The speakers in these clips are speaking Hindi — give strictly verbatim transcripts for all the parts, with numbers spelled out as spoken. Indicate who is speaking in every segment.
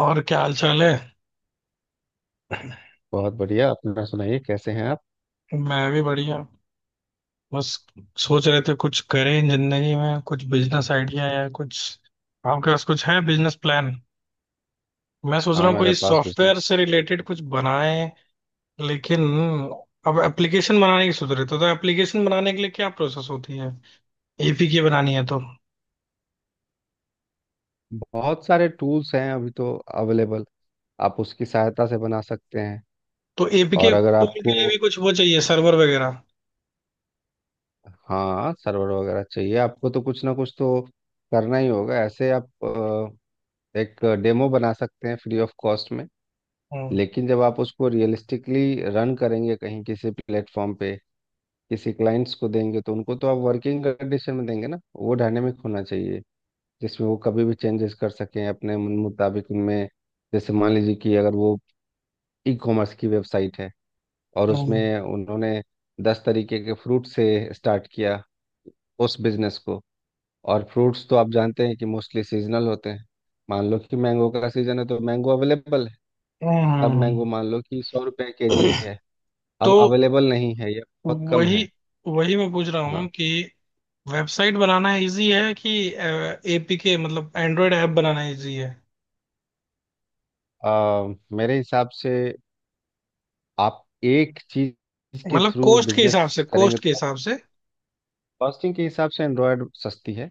Speaker 1: और क्या हाल चाल है।
Speaker 2: बहुत बढ़िया। अपना सुनाइए, कैसे हैं आप?
Speaker 1: मैं भी बढ़िया। बस सोच रहे थे कुछ करें जिंदगी में, कुछ बिजनेस आइडिया या कुछ। आपके पास कुछ है बिजनेस प्लान? मैं सोच रहा
Speaker 2: हाँ,
Speaker 1: हूँ
Speaker 2: मेरे
Speaker 1: कोई
Speaker 2: पास बिजनेस
Speaker 1: सॉफ्टवेयर से रिलेटेड कुछ बनाएं। लेकिन अब एप्लीकेशन बनाने की सोच रहे थे, तो एप्लीकेशन बनाने के लिए क्या प्रोसेस होती है? एपीके बनानी है तो।
Speaker 2: बहुत सारे टूल्स हैं अभी तो, अवेलेबल। आप उसकी सहायता से बना सकते हैं।
Speaker 1: तो एपीके
Speaker 2: और अगर
Speaker 1: टूल के
Speaker 2: आपको,
Speaker 1: लिए भी कुछ वो चाहिए, सर्वर वगैरह।
Speaker 2: हाँ सर्वर वगैरह चाहिए आपको तो कुछ ना कुछ तो करना ही होगा। ऐसे आप अ, एक डेमो बना सकते हैं फ्री ऑफ कॉस्ट में।
Speaker 1: हम्म।
Speaker 2: लेकिन जब आप उसको रियलिस्टिकली रन करेंगे कहीं किसी प्लेटफॉर्म पे, किसी क्लाइंट्स को देंगे, तो उनको तो आप वर्किंग कंडीशन में देंगे ना, वो डायनेमिक होना चाहिए जिसमें वो कभी भी चेंजेस कर सकें अपने मन मुताबिक उनमें। जैसे मान लीजिए कि अगर वो ई कॉमर्स की वेबसाइट है और
Speaker 1: हम्म। हम्म।
Speaker 2: उसमें उन्होंने दस तरीके के फ्रूट से स्टार्ट किया उस बिजनेस को। और फ्रूट्स तो आप जानते हैं कि मोस्टली सीजनल होते हैं। मान लो कि मैंगो का सीजन है तो मैंगो अवेलेबल है।
Speaker 1: हम्म,
Speaker 2: तब मैंगो
Speaker 1: हम्म।
Speaker 2: मान लो कि सौ रुपए के जी है। अब
Speaker 1: तो
Speaker 2: अवेलेबल नहीं है या बहुत कम
Speaker 1: वही
Speaker 2: है।
Speaker 1: वही मैं पूछ रहा हूँ
Speaker 2: हाँ।
Speaker 1: कि वेबसाइट बनाना इजी है कि एपीके मतलब एंड्रॉयड ऐप बनाना इजी है।
Speaker 2: आ, मेरे हिसाब से आप एक चीज के
Speaker 1: मतलब
Speaker 2: थ्रू
Speaker 1: कॉस्ट के
Speaker 2: बिजनेस
Speaker 1: हिसाब से कॉस्ट
Speaker 2: करेंगे
Speaker 1: के
Speaker 2: तो
Speaker 1: हिसाब से
Speaker 2: कॉस्टिंग के हिसाब से एंड्रॉयड सस्ती है।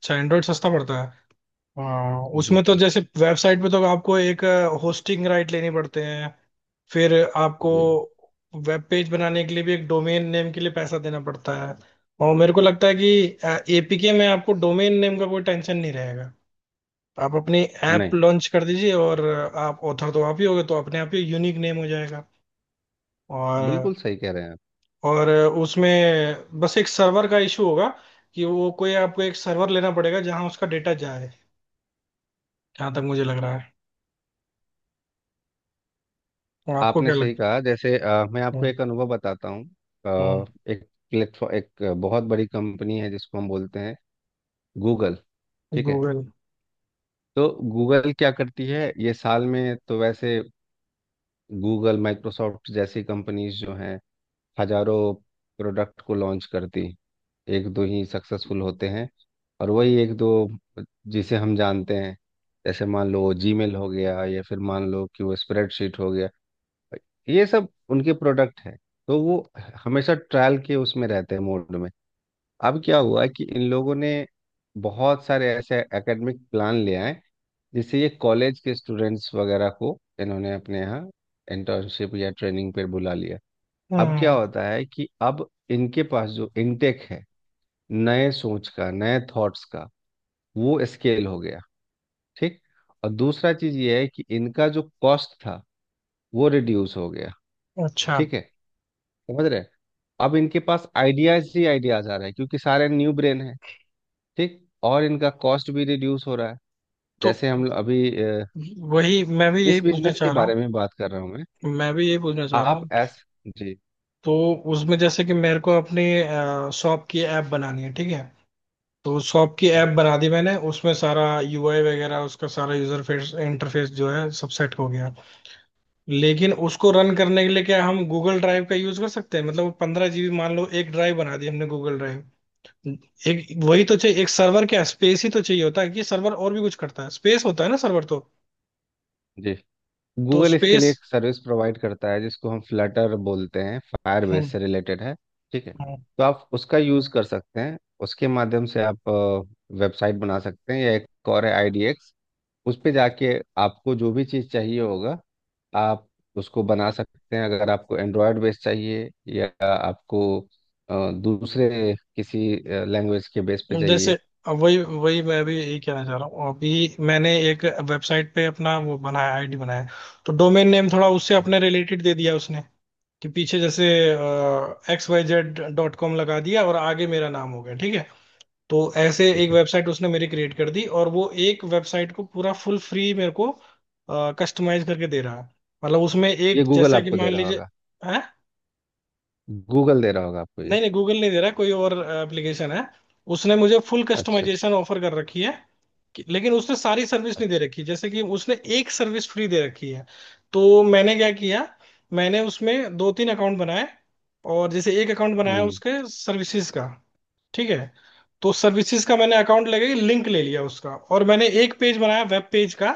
Speaker 1: अच्छा, एंड्रॉयड सस्ता पड़ता है। हाँ, उसमें तो
Speaker 2: जी।
Speaker 1: जैसे वेबसाइट पे तो आपको एक होस्टिंग राइट लेने पड़ते हैं। फिर आपको
Speaker 2: जी।
Speaker 1: वेब पेज बनाने के लिए भी एक डोमेन नेम के लिए पैसा देना पड़ता है। और मेरे को लगता है कि एपीके में आपको डोमेन नेम का कोई टेंशन नहीं रहेगा। आप अपनी ऐप
Speaker 2: नहीं,
Speaker 1: लॉन्च कर दीजिए, और आप ऑथर तो आप ही होगे तो अपने आप ही यूनिक नेम हो जाएगा। और
Speaker 2: बिल्कुल सही कह रहे हैं आप।
Speaker 1: और उसमें बस एक सर्वर का इशू होगा कि वो कोई आपको एक सर्वर लेना पड़ेगा जहां उसका डेटा जाए, जहां तक मुझे लग रहा है। और आपको
Speaker 2: आपने
Speaker 1: क्या
Speaker 2: सही
Speaker 1: लगता
Speaker 2: कहा। जैसे अ, मैं आपको
Speaker 1: है?
Speaker 2: एक अनुभव बताता हूँ।
Speaker 1: हम्म।
Speaker 2: अ, एक प्लेटफॉर्म, एक बहुत बड़ी कंपनी है जिसको हम बोलते हैं गूगल। ठीक है।
Speaker 1: गूगल।
Speaker 2: तो गूगल क्या करती है, ये साल में तो वैसे गूगल माइक्रोसॉफ्ट जैसी कंपनीज जो हैं, हजारों प्रोडक्ट को लॉन्च करती, एक दो ही सक्सेसफुल होते हैं। और वही एक दो जिसे हम जानते हैं, जैसे मान लो जीमेल हो गया, या फिर मान लो कि वो स्प्रेडशीट हो गया, ये सब उनके प्रोडक्ट है। तो वो हमेशा ट्रायल के उसमें रहते हैं, मोड में। अब क्या हुआ कि इन लोगों ने बहुत सारे ऐसे एकेडमिक प्लान ले आए, जिससे ये कॉलेज के स्टूडेंट्स वगैरह को इन्होंने अपने यहाँ इंटर्नशिप या ट्रेनिंग पर बुला लिया। अब क्या
Speaker 1: हम्म।
Speaker 2: होता है कि अब इनके पास जो इनटेक है नए सोच का, नए थॉट्स का, वो स्केल हो गया। ठीक। और दूसरा चीज ये है कि इनका जो कॉस्ट था वो रिड्यूस हो गया।
Speaker 1: अच्छा।
Speaker 2: ठीक है। समझ रहे हैं? अब इनके पास आइडियाज ही आइडियाज आ रहे हैं क्योंकि सारे न्यू ब्रेन है। ठीक। और इनका कॉस्ट भी रिड्यूस हो रहा है।
Speaker 1: तो
Speaker 2: जैसे हम लोग अभी अ,
Speaker 1: वही मैं भी यही
Speaker 2: इस
Speaker 1: पूछना
Speaker 2: बिजनेस के
Speaker 1: चाह रहा हूँ।
Speaker 2: बारे में बात कर रहा हूँ मैं।
Speaker 1: मैं भी यही पूछना चाह रहा
Speaker 2: आप
Speaker 1: हूँ।
Speaker 2: एस। जी।
Speaker 1: तो उसमें जैसे कि मेरे को अपनी शॉप की ऐप बनानी है, ठीक है? तो शॉप की ऐप बना दी मैंने, उसमें सारा यूआई वगैरह, उसका सारा यूजर फेस इंटरफेस जो है सब सेट हो गया। लेकिन उसको रन करने के लिए क्या हम गूगल ड्राइव का यूज कर सकते हैं? मतलब पंद्रह जीबी मान लो, एक ड्राइव बना दी हमने गूगल ड्राइव। एक वही तो चाहिए, एक सर्वर, क्या स्पेस ही तो चाहिए होता है कि सर्वर और भी कुछ करता है? स्पेस होता है ना सर्वर तो।
Speaker 2: जी।
Speaker 1: तो
Speaker 2: गूगल इसके लिए
Speaker 1: स्पेस।
Speaker 2: एक सर्विस प्रोवाइड करता है जिसको हम फ्लटर बोलते हैं, फायरबेस
Speaker 1: हम्म।
Speaker 2: से रिलेटेड है। ठीक है।
Speaker 1: हम्म।
Speaker 2: तो आप उसका यूज़ कर सकते हैं। उसके माध्यम से आप वेबसाइट बना सकते हैं, या एक और है आईडीएक्स। उस पे जाके आपको जो भी चीज़ चाहिए होगा, आप उसको बना सकते हैं, अगर आपको एंड्रॉयड बेस चाहिए या आपको अ, दूसरे किसी लैंग्वेज के बेस पे
Speaker 1: जैसे
Speaker 2: चाहिए।
Speaker 1: अब वही वही मैं भी यही कहना चाह रहा हूँ, अभी मैंने एक वेबसाइट पे अपना वो बनाया, आईडी बनाया। तो डोमेन नेम थोड़ा उससे अपने रिलेटेड दे दिया उसने, कि पीछे जैसे X Y Z dot com लगा दिया और आगे मेरा नाम हो गया, ठीक है? तो ऐसे एक
Speaker 2: ठीक है।
Speaker 1: वेबसाइट उसने मेरी क्रिएट कर दी, और वो एक वेबसाइट को पूरा फुल फ्री मेरे को कस्टमाइज करके दे रहा है। मतलब उसमें
Speaker 2: ये
Speaker 1: एक
Speaker 2: गूगल
Speaker 1: जैसे कि
Speaker 2: आपको दे
Speaker 1: मान
Speaker 2: रहा
Speaker 1: लीजिए
Speaker 2: होगा।
Speaker 1: है।
Speaker 2: गूगल दे रहा होगा आपको ये।
Speaker 1: नहीं नहीं, गूगल नहीं दे रहा है, कोई और एप्लीकेशन है। उसने मुझे फुल
Speaker 2: अच्छा, अच्छा,
Speaker 1: कस्टमाइजेशन ऑफर कर रखी है। कि- लेकिन उसने सारी सर्विस नहीं दे
Speaker 2: अच्छा।
Speaker 1: रखी, जैसे कि उसने एक सर्विस फ्री दे रखी है। तो मैंने क्या किया, मैंने उसमें दो तीन अकाउंट बनाए। और जैसे एक अकाउंट बनाया
Speaker 2: हम्म।
Speaker 1: उसके सर्विसेज का, ठीक है? तो सर्विसेज का मैंने अकाउंट लेके लिंक ले लिया उसका, और मैंने एक पेज बनाया वेब पेज का।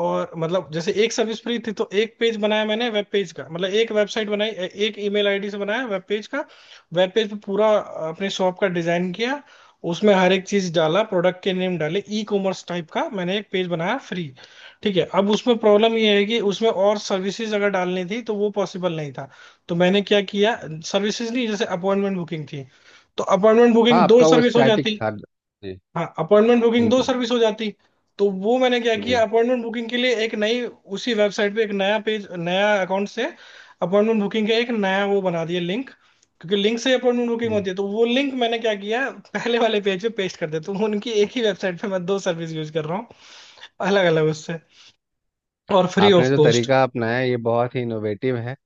Speaker 1: और मतलब जैसे एक सर्विस फ्री थी तो एक पेज बनाया मैंने वेब पेज का, मतलब एक वेबसाइट बनाई ए- एक ईमेल आईडी से, बनाया वेब पेज का। वेब पेज पे पूरा अपने शॉप का डिजाइन किया, उसमें हर एक चीज डाला, प्रोडक्ट के नेम डाले, ई कॉमर्स टाइप का मैंने एक पेज बनाया फ्री। ठीक है, अब उसमें प्रॉब्लम ये है कि उसमें और सर्विसेज अगर डालनी थी तो वो पॉसिबल नहीं था। तो मैंने क्या किया, सर्विसेज नहीं, जैसे अपॉइंटमेंट बुकिंग थी, तो अपॉइंटमेंट बुकिंग
Speaker 2: हाँ,
Speaker 1: दो
Speaker 2: आपका वो
Speaker 1: सर्विस हो
Speaker 2: स्टैटिक
Speaker 1: जाती।
Speaker 2: था जी।
Speaker 1: हाँ, अपॉइंटमेंट बुकिंग दो
Speaker 2: बिल्कुल।
Speaker 1: सर्विस हो जाती। तो वो मैंने क्या किया,
Speaker 2: जी।
Speaker 1: अपॉइंटमेंट बुकिंग के लिए एक नई, उसी वेबसाइट पे एक नया पेज, नया अकाउंट से अपॉइंटमेंट बुकिंग का एक नया वो बना दिया लिंक। क्योंकि लिंक से अपॉइंटमेंट बुकिंग
Speaker 2: हम्म।
Speaker 1: होती है, तो वो लिंक मैंने क्या किया, पहले वाले पेज पे पेस्ट कर दिया, तो उनकी एक ही वेबसाइट पे मैं दो सर्विस यूज कर रहा हूँ, अलग अलग उससे, और फ्री
Speaker 2: आपने
Speaker 1: ऑफ
Speaker 2: जो
Speaker 1: कॉस्ट।
Speaker 2: तरीका अपनाया ये बहुत ही इनोवेटिव है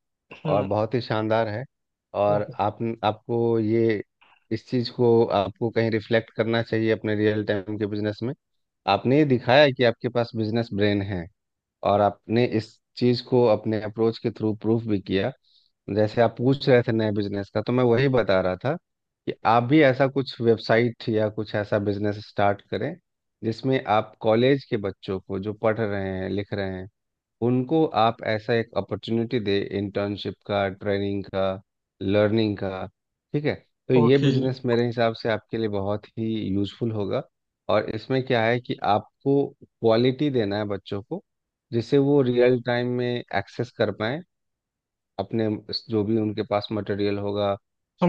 Speaker 2: और
Speaker 1: हम्म।
Speaker 2: बहुत ही शानदार है। और आप आपको ये, इस चीज़ को आपको कहीं रिफ्लेक्ट करना चाहिए अपने रियल टाइम के बिजनेस में। आपने ये दिखाया कि आपके पास बिजनेस ब्रेन है, और आपने इस चीज को अपने अप्रोच के थ्रू प्रूफ भी किया। जैसे आप पूछ रहे थे नए बिजनेस का, तो मैं वही बता रहा था कि आप भी ऐसा कुछ वेबसाइट या कुछ ऐसा बिजनेस स्टार्ट करें जिसमें आप कॉलेज के बच्चों को, जो पढ़ रहे हैं लिख रहे हैं, उनको आप ऐसा एक अपॉर्चुनिटी दे इंटर्नशिप का, ट्रेनिंग का, लर्निंग का। ठीक है। तो ये
Speaker 1: ओके,
Speaker 2: बिजनेस मेरे हिसाब से आपके लिए बहुत ही यूजफुल होगा। और इसमें क्या है कि आपको क्वालिटी देना है बच्चों को, जिससे वो रियल टाइम में एक्सेस कर पाए अपने जो भी उनके पास मटेरियल होगा,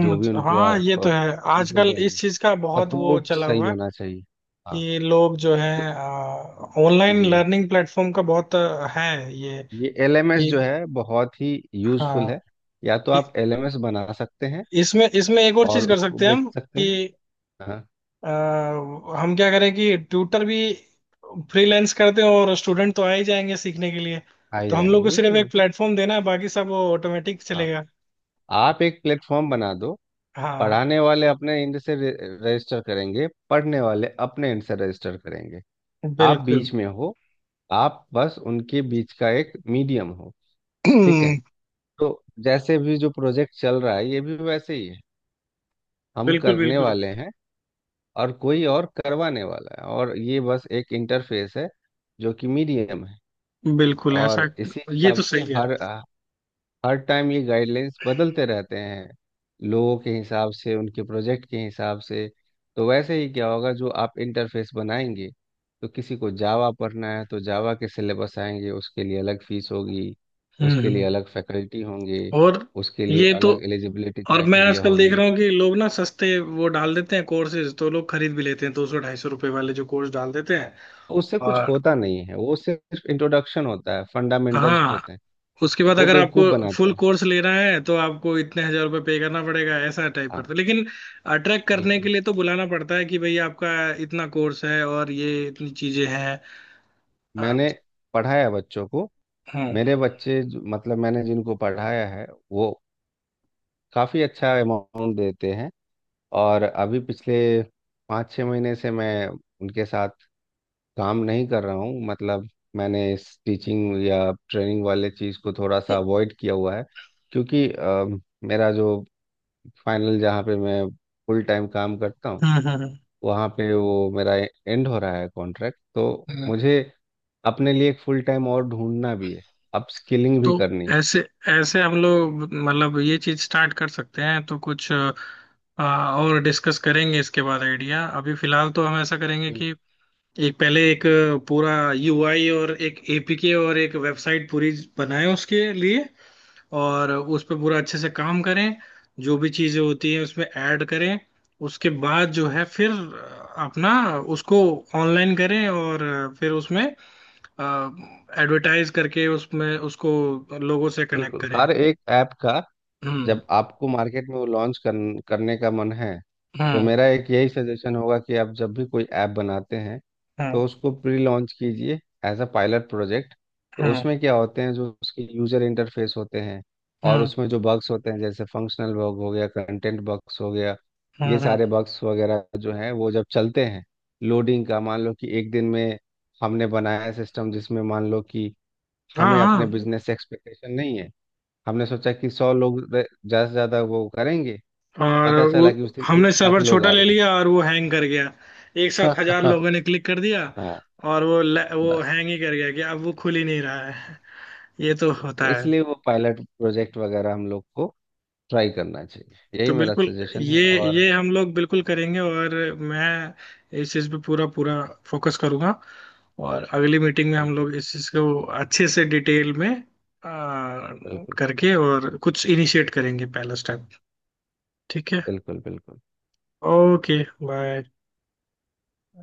Speaker 2: जो भी उनको
Speaker 1: हाँ,
Speaker 2: आप
Speaker 1: ये तो है,
Speaker 2: चीज़ें
Speaker 1: आजकल
Speaker 2: देंगे,
Speaker 1: इस चीज का बहुत वो
Speaker 2: सपोर्ट
Speaker 1: चला
Speaker 2: सही
Speaker 1: हुआ है,
Speaker 2: होना चाहिए। हाँ।
Speaker 1: कि लोग जो है,
Speaker 2: तो
Speaker 1: ऑनलाइन
Speaker 2: जी
Speaker 1: लर्निंग प्लेटफॉर्म का बहुत अ, है ये।
Speaker 2: ये एलएमएस
Speaker 1: ये-
Speaker 2: जो है बहुत ही यूजफुल
Speaker 1: हाँ।
Speaker 2: है। या तो
Speaker 1: इ-
Speaker 2: आप एलएमएस बना सकते हैं
Speaker 1: इसमें इसमें एक और चीज
Speaker 2: और
Speaker 1: कर
Speaker 2: उसको
Speaker 1: सकते हैं
Speaker 2: बेच
Speaker 1: हम
Speaker 2: सकते
Speaker 1: कि,
Speaker 2: हैं। हाँ,
Speaker 1: अ, हम क्या करें कि ट्यूटर भी फ्रीलांस करते हैं और स्टूडेंट तो आ ही जाएंगे सीखने के लिए।
Speaker 2: आ ही
Speaker 1: तो हम
Speaker 2: जाएंगे,
Speaker 1: लोग को सिर्फ
Speaker 2: बिल्कुल
Speaker 1: एक
Speaker 2: बिल्कुल।
Speaker 1: प्लेटफॉर्म देना है, बाकी सब वो ऑटोमेटिक
Speaker 2: हाँ,
Speaker 1: चलेगा।
Speaker 2: आप एक प्लेटफॉर्म बना दो।
Speaker 1: हाँ,
Speaker 2: पढ़ाने वाले अपने एंड से रे- रजिस्टर करेंगे, पढ़ने वाले अपने एंड से रजिस्टर करेंगे। आप
Speaker 1: बिल्कुल।
Speaker 2: बीच में हो, आप बस उनके बीच का एक मीडियम हो। ठीक है। तो जैसे भी जो प्रोजेक्ट चल रहा है ये भी वैसे ही है, हम
Speaker 1: बिल्कुल
Speaker 2: करने
Speaker 1: बिल्कुल।
Speaker 2: वाले हैं और कोई और करवाने वाला है, और ये बस एक इंटरफेस है जो कि मीडियम है।
Speaker 1: बिल्कुल
Speaker 2: और
Speaker 1: ऐसा।
Speaker 2: इसी
Speaker 1: ये
Speaker 2: हिसाब
Speaker 1: तो
Speaker 2: से
Speaker 1: सही कह
Speaker 2: हर
Speaker 1: रहे
Speaker 2: हर टाइम ये गाइडलाइंस बदलते रहते हैं लोगों के हिसाब से, उनके प्रोजेक्ट के हिसाब से। तो वैसे ही क्या होगा जो आप इंटरफेस बनाएंगे, तो किसी को जावा पढ़ना है तो जावा के सिलेबस आएंगे, उसके लिए अलग फीस होगी,
Speaker 1: हो। हम्म,
Speaker 2: उसके
Speaker 1: हम्म।
Speaker 2: लिए अलग फैकल्टी होंगे,
Speaker 1: और
Speaker 2: उसके लिए
Speaker 1: ये तो।
Speaker 2: अलग एलिजिबिलिटी
Speaker 1: और मैं
Speaker 2: क्राइटेरिया
Speaker 1: आजकल देख
Speaker 2: होगी।
Speaker 1: रहा हूँ कि लोग ना सस्ते वो डाल देते हैं कोर्सेज, तो लोग खरीद भी लेते हैं, दो सौ ढाई सौ रुपए वाले जो कोर्स डाल देते हैं।
Speaker 2: उससे कुछ
Speaker 1: और
Speaker 2: होता नहीं है, वो सिर्फ इंट्रोडक्शन होता है, फंडामेंटल्स
Speaker 1: हाँ,
Speaker 2: होते हैं।
Speaker 1: उसके बाद
Speaker 2: वो
Speaker 1: अगर आपको
Speaker 2: बेवकूफ बनाते
Speaker 1: फुल
Speaker 2: हैं।
Speaker 1: कोर्स लेना है तो आपको इतने हजार रुपये पे करना पड़ेगा, ऐसा टाइप
Speaker 2: हाँ
Speaker 1: करते हैं। लेकिन अट्रैक्ट करने के
Speaker 2: बिल्कुल।
Speaker 1: लिए तो बुलाना पड़ता है, कि भाई आपका इतना कोर्स है और ये इतनी चीजें हैं। अ,
Speaker 2: मैंने पढ़ाया बच्चों को,
Speaker 1: हम्म।
Speaker 2: मेरे बच्चे जो- मतलब मैंने जिनको पढ़ाया है, वो काफ़ी अच्छा अमाउंट देते हैं। और अभी पिछले पाँच छः महीने से मैं उनके साथ काम नहीं कर रहा हूँ। मतलब मैंने इस टीचिंग या ट्रेनिंग वाले चीज़ को थोड़ा सा अवॉइड किया हुआ है क्योंकि अ, मेरा जो फाइनल, जहाँ पे मैं फुल टाइम काम करता हूँ,
Speaker 1: हम्म। हम्म,
Speaker 2: वहाँ पे वो मेरा एंड हो रहा है कॉन्ट्रैक्ट, तो
Speaker 1: हम्म।
Speaker 2: मुझे अपने लिए एक फुल टाइम और ढूंढना भी है, अपस्किलिंग भी
Speaker 1: तो
Speaker 2: करनी।
Speaker 1: ऐसे ऐसे हम लोग मतलब ये चीज स्टार्ट कर सकते हैं, तो कुछ अ, और डिस्कस करेंगे इसके बाद आइडिया। अभी फिलहाल तो हम ऐसा करेंगे
Speaker 2: बिल-
Speaker 1: कि एक पहले एक पूरा यूआई और एक एपीके और एक वेबसाइट पूरी बनाएं उसके लिए, और उस पर पूरा अच्छे से काम करें, जो भी चीजें होती हैं उसमें ऐड करें। उसके बाद जो है फिर अपना उसको ऑनलाइन करें, और फिर उसमें एडवर्टाइज करके उसमें उसको लोगों से कनेक्ट
Speaker 2: बिल्कुल।
Speaker 1: करें।
Speaker 2: हर एक ऐप का
Speaker 1: हम्म।
Speaker 2: जब आपको मार्केट में वो लॉन्च कर, करने का मन है, तो
Speaker 1: हम्म।
Speaker 2: मेरा एक यही सजेशन होगा कि आप जब भी कोई ऐप बनाते हैं
Speaker 1: हम्म।
Speaker 2: तो उसको प्री लॉन्च कीजिए एज अ पायलट प्रोजेक्ट। तो
Speaker 1: हम्म।
Speaker 2: उसमें क्या होते हैं जो उसके यूजर इंटरफेस होते हैं, और
Speaker 1: हम्म।
Speaker 2: उसमें जो बग्स होते हैं, जैसे फंक्शनल बग हो गया, कंटेंट बग्स हो गया, ये
Speaker 1: हम्म,
Speaker 2: सारे
Speaker 1: हम्म।
Speaker 2: बग्स वगैरह जो हैं वो जब चलते हैं, लोडिंग का, मान लो कि एक दिन में हमने बनाया सिस्टम जिसमें मान लो कि
Speaker 1: हाँ
Speaker 2: हमें अपने
Speaker 1: हाँ,
Speaker 2: बिजनेस से एक्सपेक्टेशन नहीं है। हमने सोचा कि सौ लोग रे- ज़्यादा से ज़्यादा वो करेंगे,
Speaker 1: और
Speaker 2: पता
Speaker 1: वो
Speaker 2: चला कि उस दिन
Speaker 1: हमने
Speaker 2: एक लाख
Speaker 1: सर्वर
Speaker 2: लोग
Speaker 1: छोटा
Speaker 2: आ
Speaker 1: ले
Speaker 2: गए।
Speaker 1: लिया और वो हैंग कर गया, एक साथ हजार लोगों ने क्लिक कर दिया,
Speaker 2: हाँ।
Speaker 1: और वो ल- वो
Speaker 2: बस।
Speaker 1: हैंग ही कर गया कि अब वो खुल ही नहीं रहा है। ये तो
Speaker 2: तो
Speaker 1: होता है।
Speaker 2: इसलिए वो पायलट प्रोजेक्ट वगैरह हम लोग को ट्राई करना चाहिए, यही
Speaker 1: तो
Speaker 2: मेरा
Speaker 1: बिल्कुल,
Speaker 2: सजेशन
Speaker 1: ये
Speaker 2: है। और
Speaker 1: ये हम लोग बिल्कुल करेंगे, और मैं इस चीज़ पे पूरा पूरा फोकस करूंगा। और अगली मीटिंग में हम
Speaker 2: बिल्कुल,
Speaker 1: लोग इस चीज़ को अच्छे से डिटेल में आ,
Speaker 2: बिल्कुल,
Speaker 1: करके और कुछ इनिशिएट करेंगे, पहला स्टेप। ठीक है।
Speaker 2: बिल्कुल, बिल्कुल।
Speaker 1: ओके। बाय।